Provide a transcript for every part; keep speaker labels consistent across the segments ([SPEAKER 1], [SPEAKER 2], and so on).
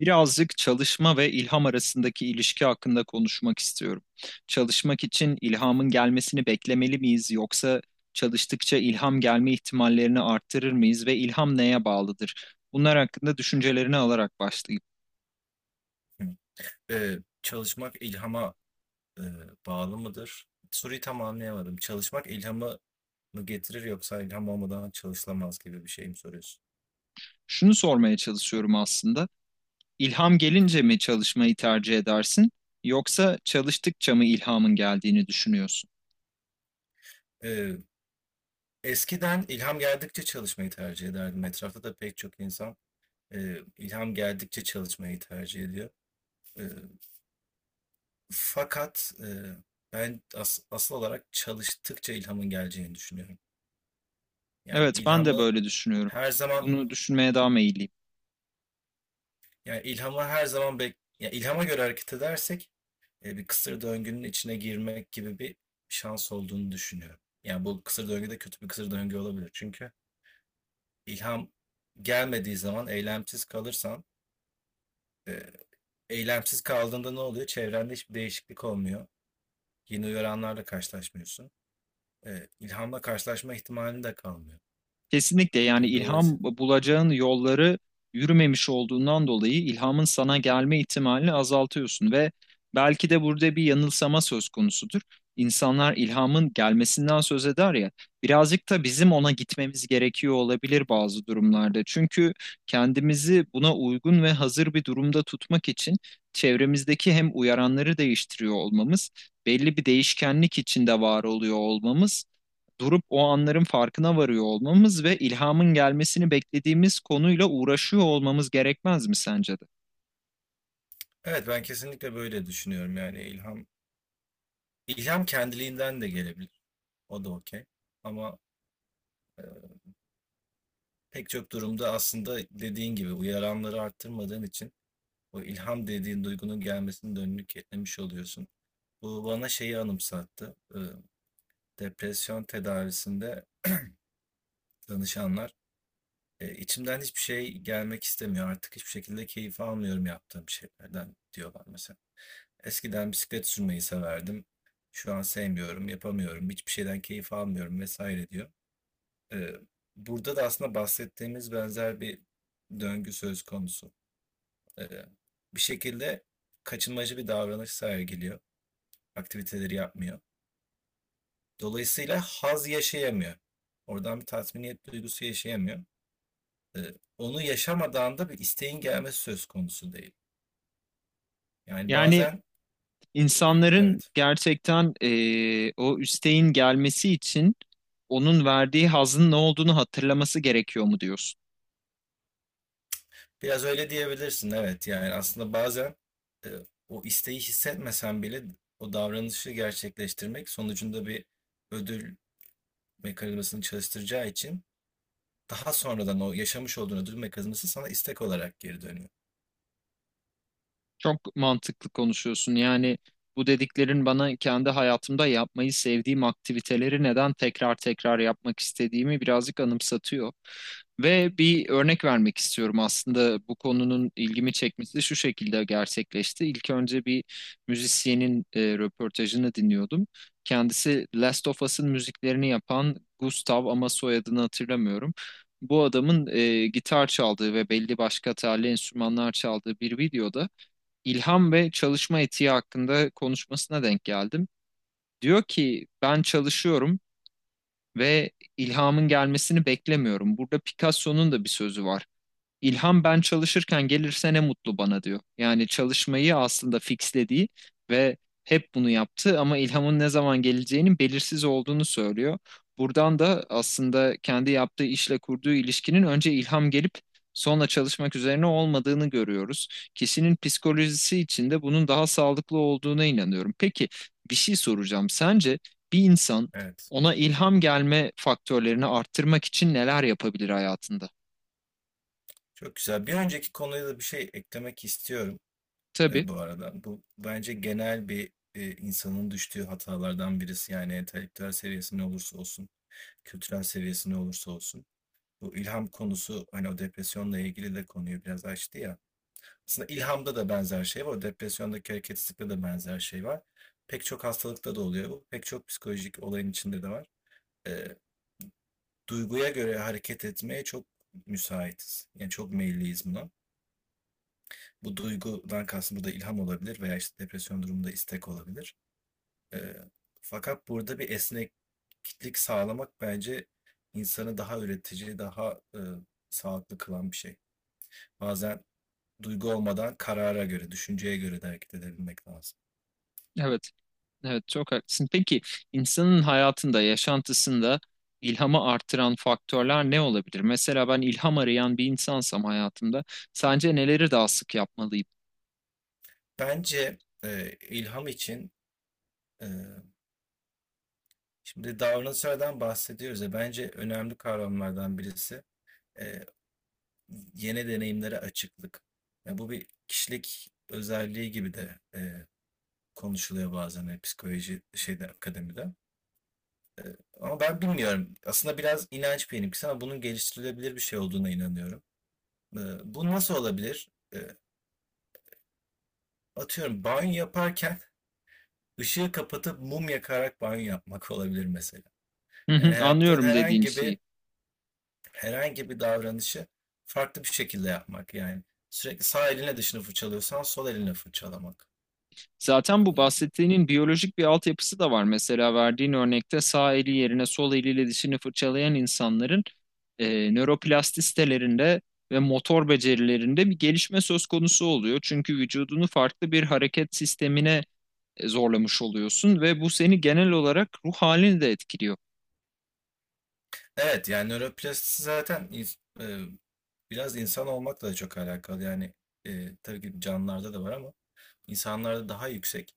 [SPEAKER 1] Birazcık çalışma ve ilham arasındaki ilişki hakkında konuşmak istiyorum. Çalışmak için ilhamın gelmesini beklemeli miyiz yoksa çalıştıkça ilham gelme ihtimallerini arttırır mıyız ve ilham neye bağlıdır? Bunlar hakkında düşüncelerini alarak başlayayım.
[SPEAKER 2] Çalışmak ilhama, eee, bağlı mıdır? Soruyu tam anlayamadım. Çalışmak ilhamı mı getirir yoksa ilham olmadan çalışılamaz gibi bir şey mi soruyorsun?
[SPEAKER 1] Şunu sormaya çalışıyorum aslında. İlham gelince mi çalışmayı tercih edersin yoksa çalıştıkça mı ilhamın geldiğini düşünüyorsun?
[SPEAKER 2] Eee, Eskiden ilham geldikçe çalışmayı tercih ederdim. Etrafta da pek çok insan, ilham geldikçe çalışmayı tercih ediyor. Eee, fakat, eee, ben asıl olarak çalıştıkça ilhamın geleceğini düşünüyorum. Yani
[SPEAKER 1] Evet, ben de
[SPEAKER 2] ilhamı
[SPEAKER 1] böyle düşünüyorum.
[SPEAKER 2] her zaman
[SPEAKER 1] Bunu düşünmeye daha meyilliyim.
[SPEAKER 2] Yani ilhamı her zaman ya ilhama göre hareket edersek bir kısır döngünün içine girmek gibi bir şans olduğunu düşünüyorum. Yani, bu kısır döngü de kötü bir kısır döngü olabilir. Çünkü ilham gelmediği zaman eylemsiz kalırsan, eee, eylemsiz kaldığında ne oluyor? Çevrende hiçbir değişiklik olmuyor. Yeni uyaranlarla karşılaşmıyorsun. İlhamla karşılaşma ihtimalin de kalmıyor.
[SPEAKER 1] Kesinlikle, yani
[SPEAKER 2] Yani,
[SPEAKER 1] ilham
[SPEAKER 2] dolayısıyla
[SPEAKER 1] bulacağın yolları yürümemiş olduğundan dolayı ilhamın sana gelme ihtimalini azaltıyorsun ve belki de burada bir yanılsama söz konusudur. İnsanlar ilhamın gelmesinden söz eder ya, birazcık da bizim ona gitmemiz gerekiyor olabilir bazı durumlarda. Çünkü kendimizi buna uygun ve hazır bir durumda tutmak için çevremizdeki hem uyaranları değiştiriyor olmamız, belli bir değişkenlik içinde var oluyor olmamız, durup o anların farkına varıyor olmamız ve ilhamın gelmesini beklediğimiz konuyla uğraşıyor olmamız gerekmez mi sence de?
[SPEAKER 2] evet, ben kesinlikle böyle düşünüyorum. Yani, ilham kendiliğinden de gelebilir. O da okay. Ama pek çok durumda aslında dediğin gibi uyaranları arttırmadığın için o ilham dediğin duygunun gelmesini de önünü kilitlemiş oluyorsun. Bu bana şeyi anımsattı. Depresyon tedavisinde danışanlar "E, içimden hiçbir şey gelmek istemiyor. Artık hiçbir şekilde keyif almıyorum yaptığım şeylerden," diyorlar mesela. Eskiden bisiklet sürmeyi severdim. Şu an sevmiyorum, yapamıyorum. Hiçbir şeyden keyif almıyorum vesaire diyor. Ee, Burada da aslında bahsettiğimiz benzer bir döngü söz konusu. Ee, Bir şekilde kaçınmacı bir davranış sergiliyor, aktiviteleri yapmıyor. Dolayısıyla haz yaşayamıyor. Oradan bir tatminiyet duygusu yaşayamıyor. Onu yaşamadan da bir isteğin gelmesi söz konusu değil. Yani
[SPEAKER 1] Yani
[SPEAKER 2] bazen
[SPEAKER 1] insanların
[SPEAKER 2] evet,
[SPEAKER 1] gerçekten o üsteğin gelmesi için onun verdiği hazın ne olduğunu hatırlaması gerekiyor mu diyorsun?
[SPEAKER 2] biraz öyle diyebilirsin, evet. Yani aslında bazen e, o isteği hissetmesen bile o davranışı gerçekleştirmek sonucunda bir ödül mekanizmasını çalıştıracağı için daha sonradan o yaşamış olduğun ödül mekanizması sana istek olarak geri dönüyor.
[SPEAKER 1] Çok mantıklı konuşuyorsun. Yani bu dediklerin bana kendi hayatımda yapmayı sevdiğim aktiviteleri neden tekrar tekrar yapmak istediğimi birazcık anımsatıyor. Ve bir örnek vermek istiyorum. Aslında bu konunun ilgimi çekmesi şu şekilde gerçekleşti. İlk önce bir müzisyenin röportajını dinliyordum. Kendisi Last of Us'ın müziklerini yapan Gustav, ama soyadını hatırlamıyorum. Bu adamın gitar çaldığı ve belli başka telli enstrümanlar çaldığı bir videoda ilham ve çalışma etiği hakkında konuşmasına denk geldim. Diyor ki ben çalışıyorum ve ilhamın gelmesini beklemiyorum. Burada Picasso'nun da bir sözü var. İlham ben çalışırken gelirse ne mutlu bana diyor. Yani çalışmayı aslında fixlediği ve hep bunu yaptı, ama ilhamın ne zaman geleceğinin belirsiz olduğunu söylüyor. Buradan da aslında kendi yaptığı işle kurduğu ilişkinin önce ilham gelip sonra çalışmak üzerine olmadığını görüyoruz. Kişinin psikolojisi için de bunun daha sağlıklı olduğuna inanıyorum. Peki, bir şey soracağım. Sence bir insan
[SPEAKER 2] Evet.
[SPEAKER 1] ona ilham gelme faktörlerini arttırmak için neler yapabilir hayatında?
[SPEAKER 2] Çok güzel. Bir önceki konuya da bir şey eklemek istiyorum.
[SPEAKER 1] Tabii,
[SPEAKER 2] Bu arada, bu bence genel bir, insanın düştüğü hatalardan birisi. Yani entelektüel seviyesi ne olursa olsun, kültürel seviyesi ne olursa olsun. Bu ilham konusu hani o depresyonla ilgili de konuyu biraz açtı ya. Aslında ilhamda da benzer şey var. Depresyondaki hareketsizlikte de benzer şey var. Pek çok hastalıkta da oluyor bu. Pek çok psikolojik olayın içinde de var. Eee, Duyguya göre hareket etmeye çok müsaitiz. Yani çok meyilliyiz buna. Bu duygudan kastım burada ilham olabilir veya işte depresyon durumunda istek olabilir. Ee, Fakat burada bir esneklik sağlamak bence insanı daha üretici, daha sağlıklı kılan bir şey. Bazen duygu olmadan karara göre, düşünceye göre de hareket edebilmek lazım.
[SPEAKER 1] evet. Evet, çok haklısın. Peki insanın hayatında, yaşantısında ilhamı artıran faktörler ne olabilir? Mesela ben ilham arayan bir insansam hayatımda sence neleri daha sık yapmalıyım?
[SPEAKER 2] Bence ilham için, e, şimdi davranışlardan bahsediyoruz ya, bence önemli kavramlardan birisi e, yeni deneyimlere açıklık. Ya bu bir kişilik özelliği gibi de konuşuluyor bazen, psikoloji şeyde, akademide. Ama ben bilmiyorum. Aslında biraz inanç benimkisi ama bunun geliştirilebilir bir şey olduğuna inanıyorum. Ee, Bu nasıl olabilir? Atıyorum, banyo yaparken ışığı kapatıp mum yakarak banyo yapmak olabilir mesela.
[SPEAKER 1] Hı
[SPEAKER 2] Yani
[SPEAKER 1] hı,
[SPEAKER 2] yaptığın
[SPEAKER 1] anlıyorum dediğin şeyi.
[SPEAKER 2] herhangi bir davranışı farklı bir şekilde yapmak. Yani sürekli sağ eline dışını fırçalıyorsan sol eline fırçalamak.
[SPEAKER 1] Zaten bu
[SPEAKER 2] Ee,
[SPEAKER 1] bahsettiğinin biyolojik bir altyapısı da var. Mesela verdiğin örnekte sağ eli yerine sol eliyle dişini fırçalayan insanların nöroplastistelerinde ve motor becerilerinde bir gelişme söz konusu oluyor. Çünkü vücudunu farklı bir hareket sistemine zorlamış oluyorsun ve bu seni genel olarak ruh halini de etkiliyor.
[SPEAKER 2] Evet, yani nöroplastisi zaten biraz insan olmakla da çok alakalı. Yani tabii ki canlılarda da var ama insanlarda daha yüksek.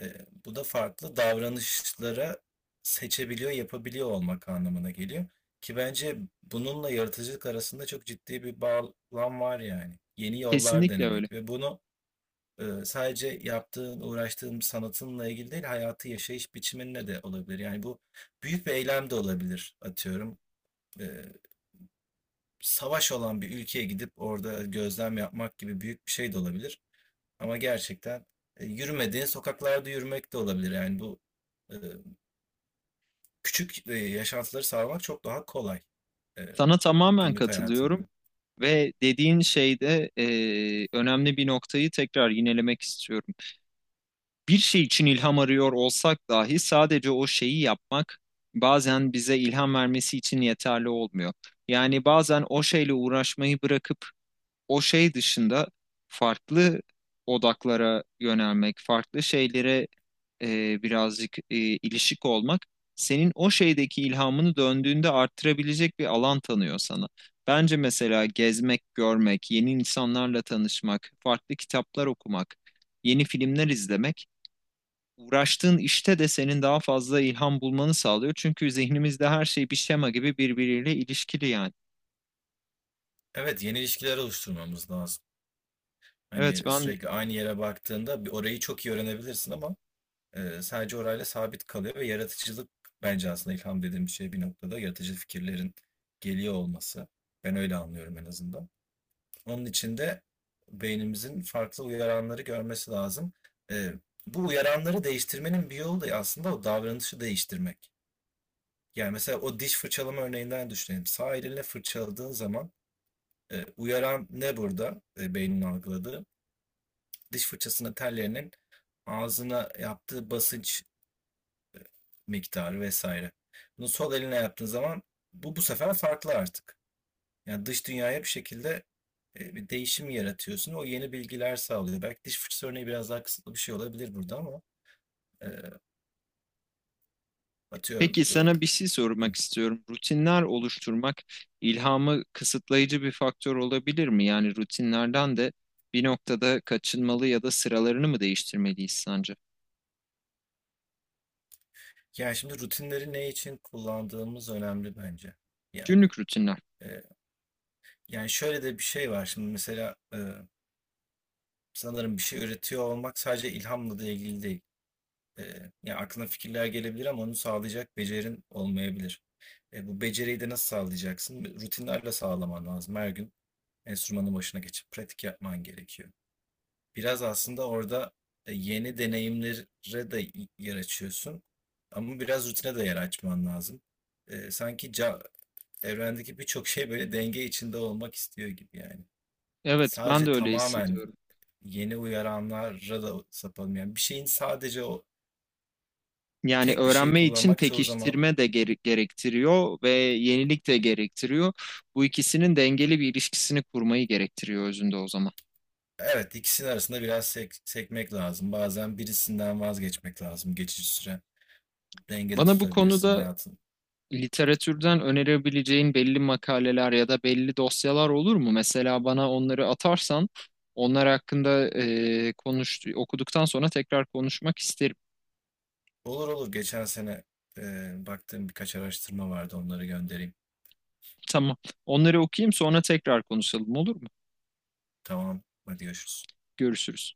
[SPEAKER 2] E, Bu da farklı davranışlara seçebiliyor, yapabiliyor olmak anlamına geliyor. Ki bence bununla yaratıcılık arasında çok ciddi bir bağlam var yani. Yeni yollar
[SPEAKER 1] Kesinlikle öyle.
[SPEAKER 2] denemek ve bunu sadece yaptığın, uğraştığın sanatınla ilgili değil, hayatı yaşayış biçiminle de olabilir. Yani bu büyük bir eylem de olabilir, atıyorum. E, Savaş olan bir ülkeye gidip orada gözlem yapmak gibi büyük bir şey de olabilir. Ama gerçekten yürümediğin sokaklarda yürümek de olabilir. Yani bu e, küçük, yaşantıları sarmak çok daha kolay, eee,
[SPEAKER 1] Sana tamamen
[SPEAKER 2] günlük hayatında.
[SPEAKER 1] katılıyorum ve dediğin şeyde önemli bir noktayı tekrar yinelemek istiyorum. Bir şey için ilham arıyor olsak dahi sadece o şeyi yapmak bazen bize ilham vermesi için yeterli olmuyor. Yani bazen o şeyle uğraşmayı bırakıp o şey dışında farklı odaklara yönelmek, farklı şeylere birazcık ilişik olmak senin o şeydeki ilhamını döndüğünde arttırabilecek bir alan tanıyor sana. Bence mesela gezmek, görmek, yeni insanlarla tanışmak, farklı kitaplar okumak, yeni filmler izlemek uğraştığın işte de senin daha fazla ilham bulmanı sağlıyor. Çünkü zihnimizde her şey bir şema gibi birbiriyle ilişkili yani.
[SPEAKER 2] Evet, yeni ilişkiler oluşturmamız lazım.
[SPEAKER 1] Evet,
[SPEAKER 2] Hani,
[SPEAKER 1] ben.
[SPEAKER 2] sürekli aynı yere baktığında bir orayı çok iyi öğrenebilirsin ama, sadece orayla sabit kalıyor ve yaratıcılık, bence aslında ilham dediğimiz şey bir noktada yaratıcı fikirlerin geliyor olması. Ben öyle anlıyorum en azından. Onun için de beynimizin farklı uyaranları görmesi lazım. Eee, Bu uyaranları değiştirmenin bir yolu da aslında o davranışı değiştirmek. Yani mesela o diş fırçalama örneğinden düşünelim. Sağ elinle fırçaladığın zaman uyaran ne burada, beynin algıladığı? Diş fırçasının tellerinin ağzına yaptığı basınç miktarı vesaire. Bunu sol eline yaptığın zaman bu sefer farklı artık. Yani dış dünyaya bir şekilde bir değişim yaratıyorsun. O yeni bilgiler sağlıyor. Belki diş fırçası örneği biraz daha kısıtlı bir şey olabilir burada ama e, atıyorum.
[SPEAKER 1] Peki sana bir
[SPEAKER 2] e,
[SPEAKER 1] şey
[SPEAKER 2] hı.
[SPEAKER 1] sormak istiyorum. Rutinler oluşturmak ilhamı kısıtlayıcı bir faktör olabilir mi? Yani rutinlerden de bir noktada kaçınmalı ya da sıralarını mı değiştirmeliyiz sence?
[SPEAKER 2] Yani şimdi rutinleri ne için kullandığımız önemli bence. Yani
[SPEAKER 1] Günlük rutinler.
[SPEAKER 2] e, Yani şöyle de bir şey var şimdi mesela, sanırım bir şey üretiyor olmak sadece ilhamla da ilgili değil. E, Yani aklına fikirler gelebilir ama onu sağlayacak becerin olmayabilir. Bu beceriyi de nasıl sağlayacaksın? Rutinlerle sağlaman lazım. Her gün enstrümanın başına geçip pratik yapman gerekiyor. Biraz aslında orada yeni deneyimlere de yer açıyorsun. Ama biraz rutine de yer açman lazım. E, sanki ca- evrendeki birçok şey böyle denge içinde olmak istiyor gibi yani.
[SPEAKER 1] Evet, ben de
[SPEAKER 2] Sadece
[SPEAKER 1] öyle
[SPEAKER 2] tamamen
[SPEAKER 1] hissediyorum.
[SPEAKER 2] yeni uyaranlara da sapalım. Yani bir şeyin sadece o
[SPEAKER 1] Yani
[SPEAKER 2] tek bir şeyi
[SPEAKER 1] öğrenme için
[SPEAKER 2] kullanmak çoğu zaman
[SPEAKER 1] pekiştirme de gerektiriyor ve yenilik de gerektiriyor. Bu ikisinin dengeli bir ilişkisini kurmayı gerektiriyor özünde o zaman.
[SPEAKER 2] evet, ikisinin arasında biraz sekmek lazım. Bazen birisinden vazgeçmek lazım geçici süre. Dengede
[SPEAKER 1] Bana bu
[SPEAKER 2] tutabilirsin
[SPEAKER 1] konuda
[SPEAKER 2] hayatın.
[SPEAKER 1] literatürden önerebileceğin belli makaleler ya da belli dosyalar olur mu? Mesela bana onları atarsan onlar hakkında konuş, okuduktan sonra tekrar konuşmak isterim.
[SPEAKER 2] Olur, olur, geçen sene baktığım birkaç araştırma vardı, onları göndereyim.
[SPEAKER 1] Tamam. Onları okuyayım, sonra tekrar konuşalım, olur mu?
[SPEAKER 2] Tamam, hadi görüşürüz.
[SPEAKER 1] Görüşürüz.